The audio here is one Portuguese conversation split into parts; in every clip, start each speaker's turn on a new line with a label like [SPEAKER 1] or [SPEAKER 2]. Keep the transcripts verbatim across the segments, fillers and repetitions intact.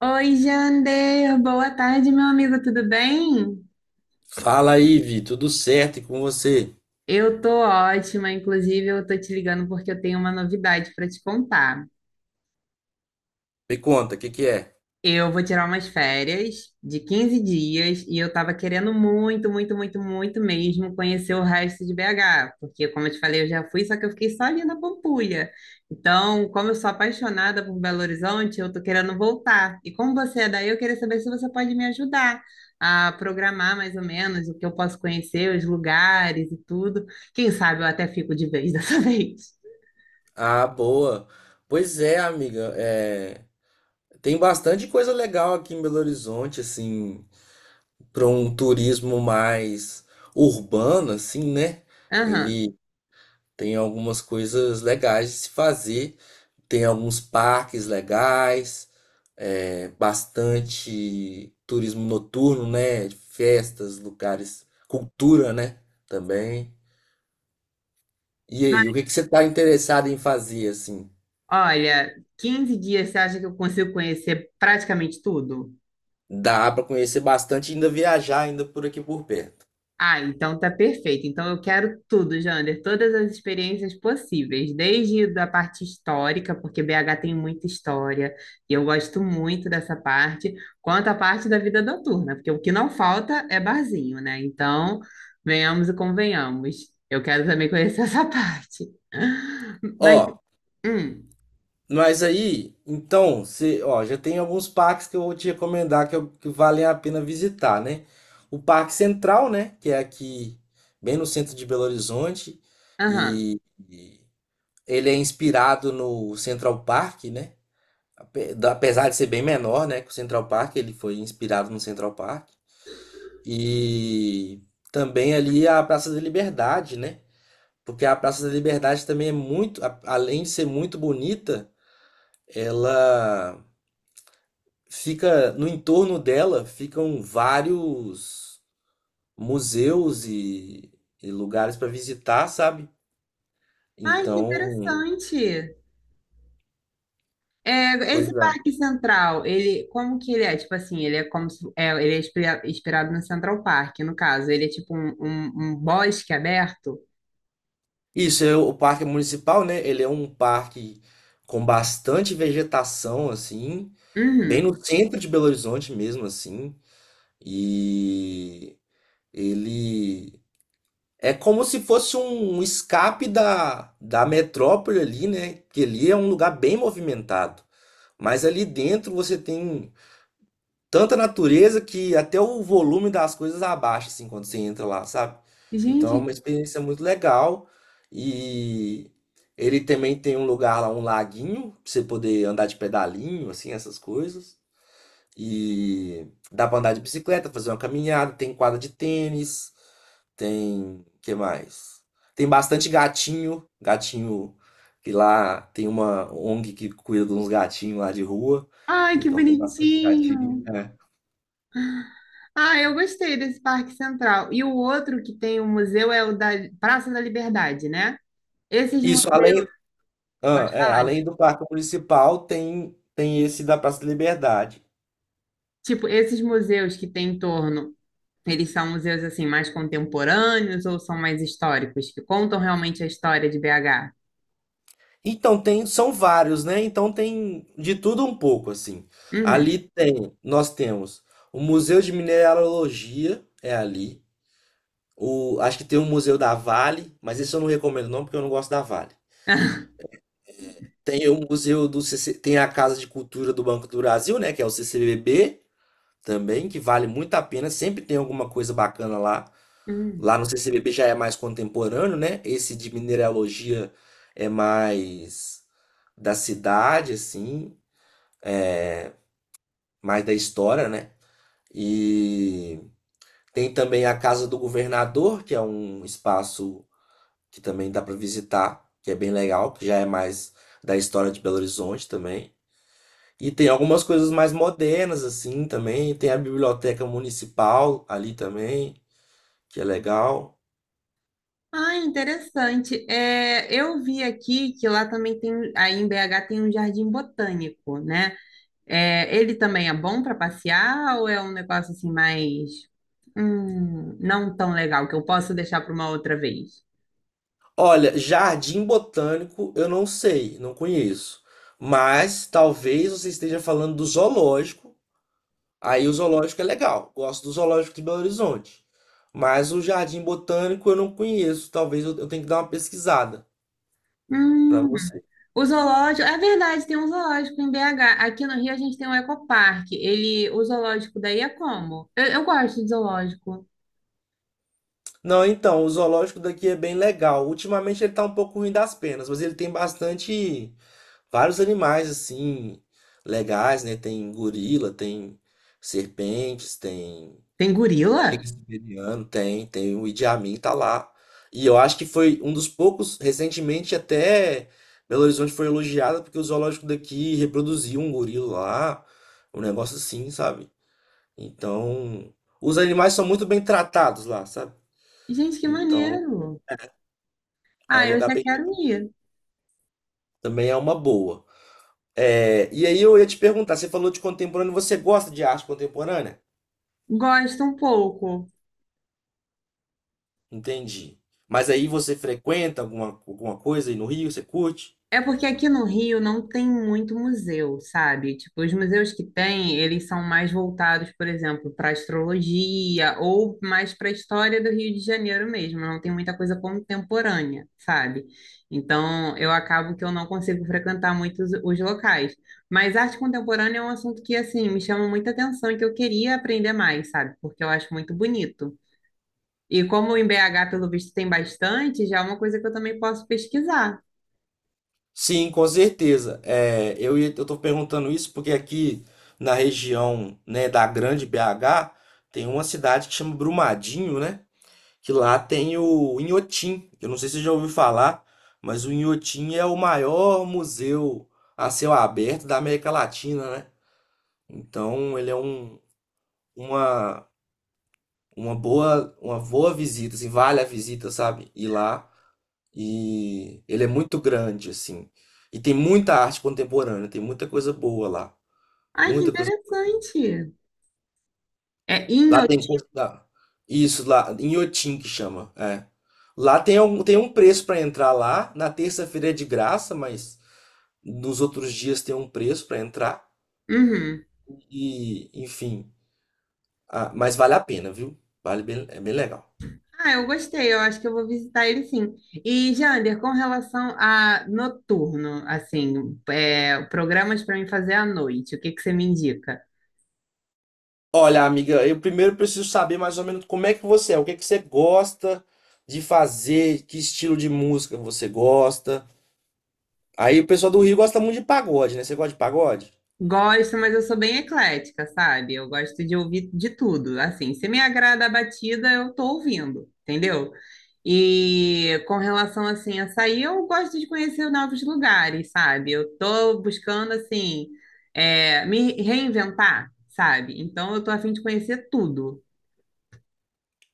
[SPEAKER 1] Oi, Jander, boa tarde, meu amigo, tudo bem?
[SPEAKER 2] Fala aí, Vi, tudo certo e com você?
[SPEAKER 1] Eu tô ótima, inclusive eu tô te ligando porque eu tenho uma novidade para te contar.
[SPEAKER 2] Me conta, o que que é?
[SPEAKER 1] Eu vou tirar umas férias de quinze dias e eu tava querendo muito, muito, muito, muito mesmo conhecer o resto de B H, porque como eu te falei, eu já fui, só que eu fiquei só ali na Pampulha. Então, como eu sou apaixonada por Belo Horizonte, eu tô querendo voltar. E como você é daí, eu queria saber se você pode me ajudar a programar mais ou menos o que eu posso conhecer, os lugares e tudo. Quem sabe eu até fico de vez dessa vez.
[SPEAKER 2] Ah, boa. Pois é, amiga, é, tem bastante coisa legal aqui em Belo Horizonte, assim, para um turismo mais urbano, assim, né?
[SPEAKER 1] Aham.
[SPEAKER 2] Ele tem algumas coisas legais de se fazer, tem alguns parques legais, é, bastante turismo noturno, né? Festas, lugares, cultura, né? Também. E aí, o que que você está interessado em fazer assim?
[SPEAKER 1] Olha, quinze dias você acha que eu consigo conhecer praticamente tudo?
[SPEAKER 2] Dá para conhecer bastante e ainda viajar ainda por aqui por perto.
[SPEAKER 1] Ah, então tá perfeito. Então eu quero tudo, Jander, todas as experiências possíveis, desde da parte histórica, porque B H tem muita história e eu gosto muito dessa parte, quanto à parte da vida noturna, porque o que não falta é barzinho, né? Então, venhamos e convenhamos. Eu quero também conhecer essa parte. Mas,
[SPEAKER 2] Ó,
[SPEAKER 1] hum,
[SPEAKER 2] mas aí, então, você, ó, já tem alguns parques que eu vou te recomendar que, eu- que valem a pena visitar, né? O Parque Central, né, que é aqui bem no centro de Belo Horizonte
[SPEAKER 1] aham.
[SPEAKER 2] e, e ele é inspirado no Central Park, né? Ape- da- Apesar de ser bem menor, né, que o Central Park, ele foi inspirado no Central Park. E também ali a Praça da Liberdade, né? Porque a Praça da Liberdade também é muito, a- além de ser muito bonita, ela fica no entorno, dela ficam vários museus e, e lugares para visitar, sabe?
[SPEAKER 1] Ai, que
[SPEAKER 2] Então,
[SPEAKER 1] interessante. É,
[SPEAKER 2] pois
[SPEAKER 1] esse
[SPEAKER 2] é.
[SPEAKER 1] Parque Central, ele, como que ele é? Tipo assim, ele é como se, é, ele é inspira- inspirado no Central Park, no caso. Ele é tipo um, um, um bosque aberto.
[SPEAKER 2] Isso é o parque municipal, né? Ele é um parque com bastante vegetação assim, bem
[SPEAKER 1] Uhum.
[SPEAKER 2] no centro de Belo Horizonte mesmo assim. E Ele é como se fosse um escape da, da metrópole ali, né? Que ali é um lugar bem movimentado. Mas ali dentro você tem tanta natureza que até o volume das coisas abaixa, assim, quando você entra lá, sabe? Então é
[SPEAKER 1] Gente,
[SPEAKER 2] uma experiência muito legal. E ele também tem um lugar lá, um laguinho, pra você poder andar de pedalinho, assim, essas coisas. E dá pra andar de bicicleta, fazer uma caminhada, tem quadra de tênis, tem, que mais? Tem bastante gatinho, gatinho que lá tem uma ONG que cuida de uns gatinhos lá de rua,
[SPEAKER 1] ai, que
[SPEAKER 2] então tem bastante gatinho.
[SPEAKER 1] bonitinho.
[SPEAKER 2] É.
[SPEAKER 1] Ah, eu gostei desse Parque Central. E o outro que tem o museu é o da Praça da Liberdade, né? Esses
[SPEAKER 2] Isso,
[SPEAKER 1] museus,
[SPEAKER 2] além, ah,
[SPEAKER 1] pode
[SPEAKER 2] é,
[SPEAKER 1] falar? de-
[SPEAKER 2] além do parque municipal, tem tem esse da Praça da Liberdade.
[SPEAKER 1] Tipo, esses museus que tem em torno, eles são museus assim mais contemporâneos ou são mais históricos, que contam realmente a história de B H?
[SPEAKER 2] Então tem, são vários, né? Então tem de tudo um pouco assim.
[SPEAKER 1] Uhum.
[SPEAKER 2] Ali tem, nós temos o Museu de Mineralogia é ali. O, acho que tem o Museu da Vale, mas isso eu não recomendo não porque eu não gosto da Vale. Tem o Museu do C C, tem a Casa de Cultura do Banco do Brasil, né, que é o C C B B também, que vale muito a pena, sempre tem alguma coisa bacana lá.
[SPEAKER 1] Hum.
[SPEAKER 2] Lá no C C B B já é mais contemporâneo, né? Esse de mineralogia é mais da cidade, assim, mais da história, né? E tem também a Casa do Governador, que é um espaço que também dá para visitar, que é bem legal, que já é mais da história de Belo Horizonte também. E tem algumas coisas mais modernas assim também, tem a biblioteca municipal ali também, que é legal.
[SPEAKER 1] Ah, interessante. É, eu vi aqui que lá também tem, aí em B H tem um jardim botânico, né? É, ele também é bom para passear ou é um negócio assim mais, hum, não tão legal que eu posso deixar para uma outra vez?
[SPEAKER 2] Olha, Jardim Botânico eu não sei, não conheço. Mas talvez você esteja falando do zoológico. Aí o zoológico é legal, gosto do zoológico de Belo Horizonte. Mas o Jardim Botânico eu não conheço, talvez eu, eu tenha que dar uma pesquisada para
[SPEAKER 1] Hum,
[SPEAKER 2] você.
[SPEAKER 1] O zoológico, é verdade, tem um zoológico em B H. Aqui no Rio a gente tem um ecoparque. Ele, o zoológico daí é como? Eu, eu gosto de zoológico.
[SPEAKER 2] Não, então, o zoológico daqui é bem legal. Ultimamente ele tá um pouco ruim das penas, mas ele tem bastante, vários animais assim, legais, né? Tem gorila, tem serpentes, tem
[SPEAKER 1] Tem gorila?
[SPEAKER 2] Shakespeareano, tem, tem. O Idi Amin tá lá. E eu acho que foi um dos poucos, recentemente até Belo Horizonte foi elogiada porque o zoológico daqui reproduziu um gorila lá, um negócio assim, sabe? Então, os animais são muito bem tratados lá, sabe?
[SPEAKER 1] Gente, que
[SPEAKER 2] Então,
[SPEAKER 1] maneiro.
[SPEAKER 2] é um
[SPEAKER 1] Ah, eu
[SPEAKER 2] lugar
[SPEAKER 1] já
[SPEAKER 2] bem,
[SPEAKER 1] quero ir.
[SPEAKER 2] também é uma boa. É, e aí eu ia te perguntar, você falou de contemporâneo, você gosta de arte contemporânea?
[SPEAKER 1] Gosto um pouco.
[SPEAKER 2] Entendi. Mas aí você frequenta alguma, alguma coisa aí no Rio, você curte?
[SPEAKER 1] É porque aqui no Rio não tem muito museu, sabe? Tipo, os museus que tem, eles são mais voltados, por exemplo, para astrologia ou mais para a história do Rio de Janeiro mesmo. Não tem muita coisa contemporânea, sabe? Então, eu acabo que eu não consigo frequentar muitos os os locais. Mas arte contemporânea é um assunto que, assim, me chama muita atenção e que eu queria aprender mais, sabe? Porque eu acho muito bonito. E como em B H, pelo visto, tem bastante, já é uma coisa que eu também posso pesquisar.
[SPEAKER 2] Sim, com certeza. É, eu ia- eu tô perguntando isso porque aqui na região, né, da Grande B H, tem uma cidade que chama Brumadinho, né? Que lá tem o Inhotim. Eu não sei se você já ouviu falar, mas o Inhotim é o maior museu a céu aberto da América Latina, né? Então, ele é um, uma, uma boa, uma boa visita, assim, vale a visita, sabe? Ir lá. E ele é muito grande, assim. E tem muita arte contemporânea, tem muita coisa boa lá.
[SPEAKER 1] Ai, que
[SPEAKER 2] Muita coisa.
[SPEAKER 1] interessante. É
[SPEAKER 2] Lá tem.
[SPEAKER 1] Inhotim.
[SPEAKER 2] Coisa- lá- Isso, lá, em Inhotim que chama. É. Lá tem um, tem um preço para entrar lá. Na terça-feira é de graça, mas nos outros dias tem um preço para entrar.
[SPEAKER 1] Uhum.
[SPEAKER 2] E, enfim, ah, mas vale a pena, viu? Vale bem, é bem legal.
[SPEAKER 1] Ah, eu gostei. Eu acho que eu vou visitar ele sim. E, Jander, com relação a noturno, assim, é, programas para mim fazer à noite, o que que você me indica?
[SPEAKER 2] Olha, amiga, eu primeiro preciso saber mais ou menos como é que você é, o que é que você gosta de fazer, que estilo de música você gosta. Aí o pessoal do Rio gosta muito de pagode, né? Você gosta de pagode?
[SPEAKER 1] Gosto, mas eu sou bem eclética, sabe? Eu gosto de ouvir de tudo. Assim, se me agrada a batida, eu tô ouvindo, entendeu? E com relação assim a sair, eu gosto de conhecer novos lugares, sabe? Eu tô buscando assim é, me reinventar, sabe? Então eu tô a fim de conhecer tudo.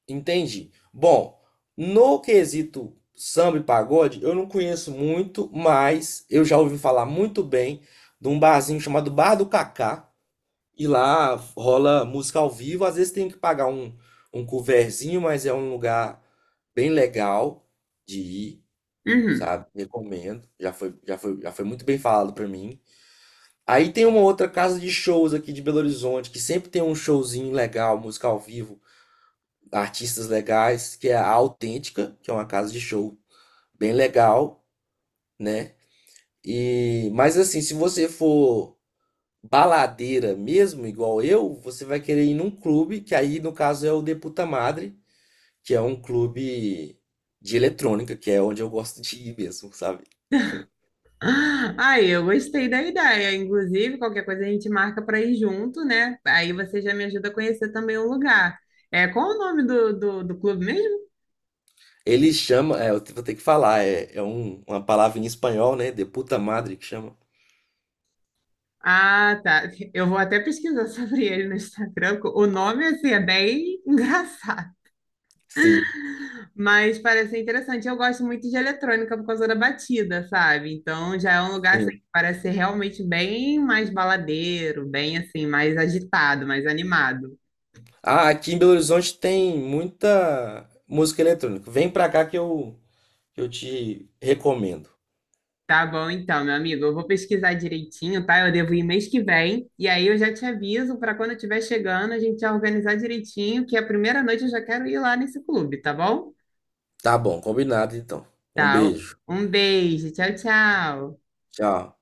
[SPEAKER 2] Entendi. Bom, no quesito samba e pagode, eu não conheço muito, mas eu já ouvi falar muito bem de um barzinho chamado Bar do Cacá. E lá rola música ao vivo. Às vezes tem que pagar um, um coverzinho, mas é um lugar bem legal de ir,
[SPEAKER 1] Uhum.
[SPEAKER 2] sabe? Recomendo. Já foi, já foi, já foi muito bem falado pra mim. Aí tem uma outra casa de shows aqui de Belo Horizonte, que sempre tem um showzinho legal, música ao vivo, artistas legais, que é a Autêntica, que é uma casa de show bem legal, né? E, mas assim, se você for baladeira mesmo, igual eu, você vai querer ir num clube, que aí no caso é o Deputa Madre, que é um clube de eletrônica, que é onde eu gosto de ir mesmo, sabe?
[SPEAKER 1] Aí, eu gostei da ideia. Inclusive, qualquer coisa a gente marca para ir junto, né? Aí você já me ajuda a conhecer também o lugar. É, qual o nome do, do, do clube mesmo?
[SPEAKER 2] Ele chama, é, eu vou ter que falar, é, é um- uma palavra em espanhol, né? Deputa Madre que chama.
[SPEAKER 1] Ah, tá. Eu vou até pesquisar sobre ele no Instagram. O nome, assim, é bem engraçado,
[SPEAKER 2] Sim.
[SPEAKER 1] mas parece ser interessante. Eu gosto muito de eletrônica por causa da batida, sabe? Então já é um lugar assim, que
[SPEAKER 2] Sim.
[SPEAKER 1] parece ser realmente bem mais baladeiro, bem assim, mais agitado, mais animado.
[SPEAKER 2] Ah, aqui em Belo Horizonte tem muita música eletrônica. Vem pra cá que eu, que eu te recomendo.
[SPEAKER 1] Tá bom, então, meu amigo, eu vou pesquisar direitinho, tá? Eu devo ir mês que vem, e aí eu já te aviso para quando eu estiver chegando, a gente já organizar direitinho, que a primeira noite eu já quero ir lá nesse clube, tá bom?
[SPEAKER 2] Tá bom, combinado então. Um
[SPEAKER 1] Tá.
[SPEAKER 2] beijo.
[SPEAKER 1] Um beijo. Tchau, tchau.
[SPEAKER 2] Tchau.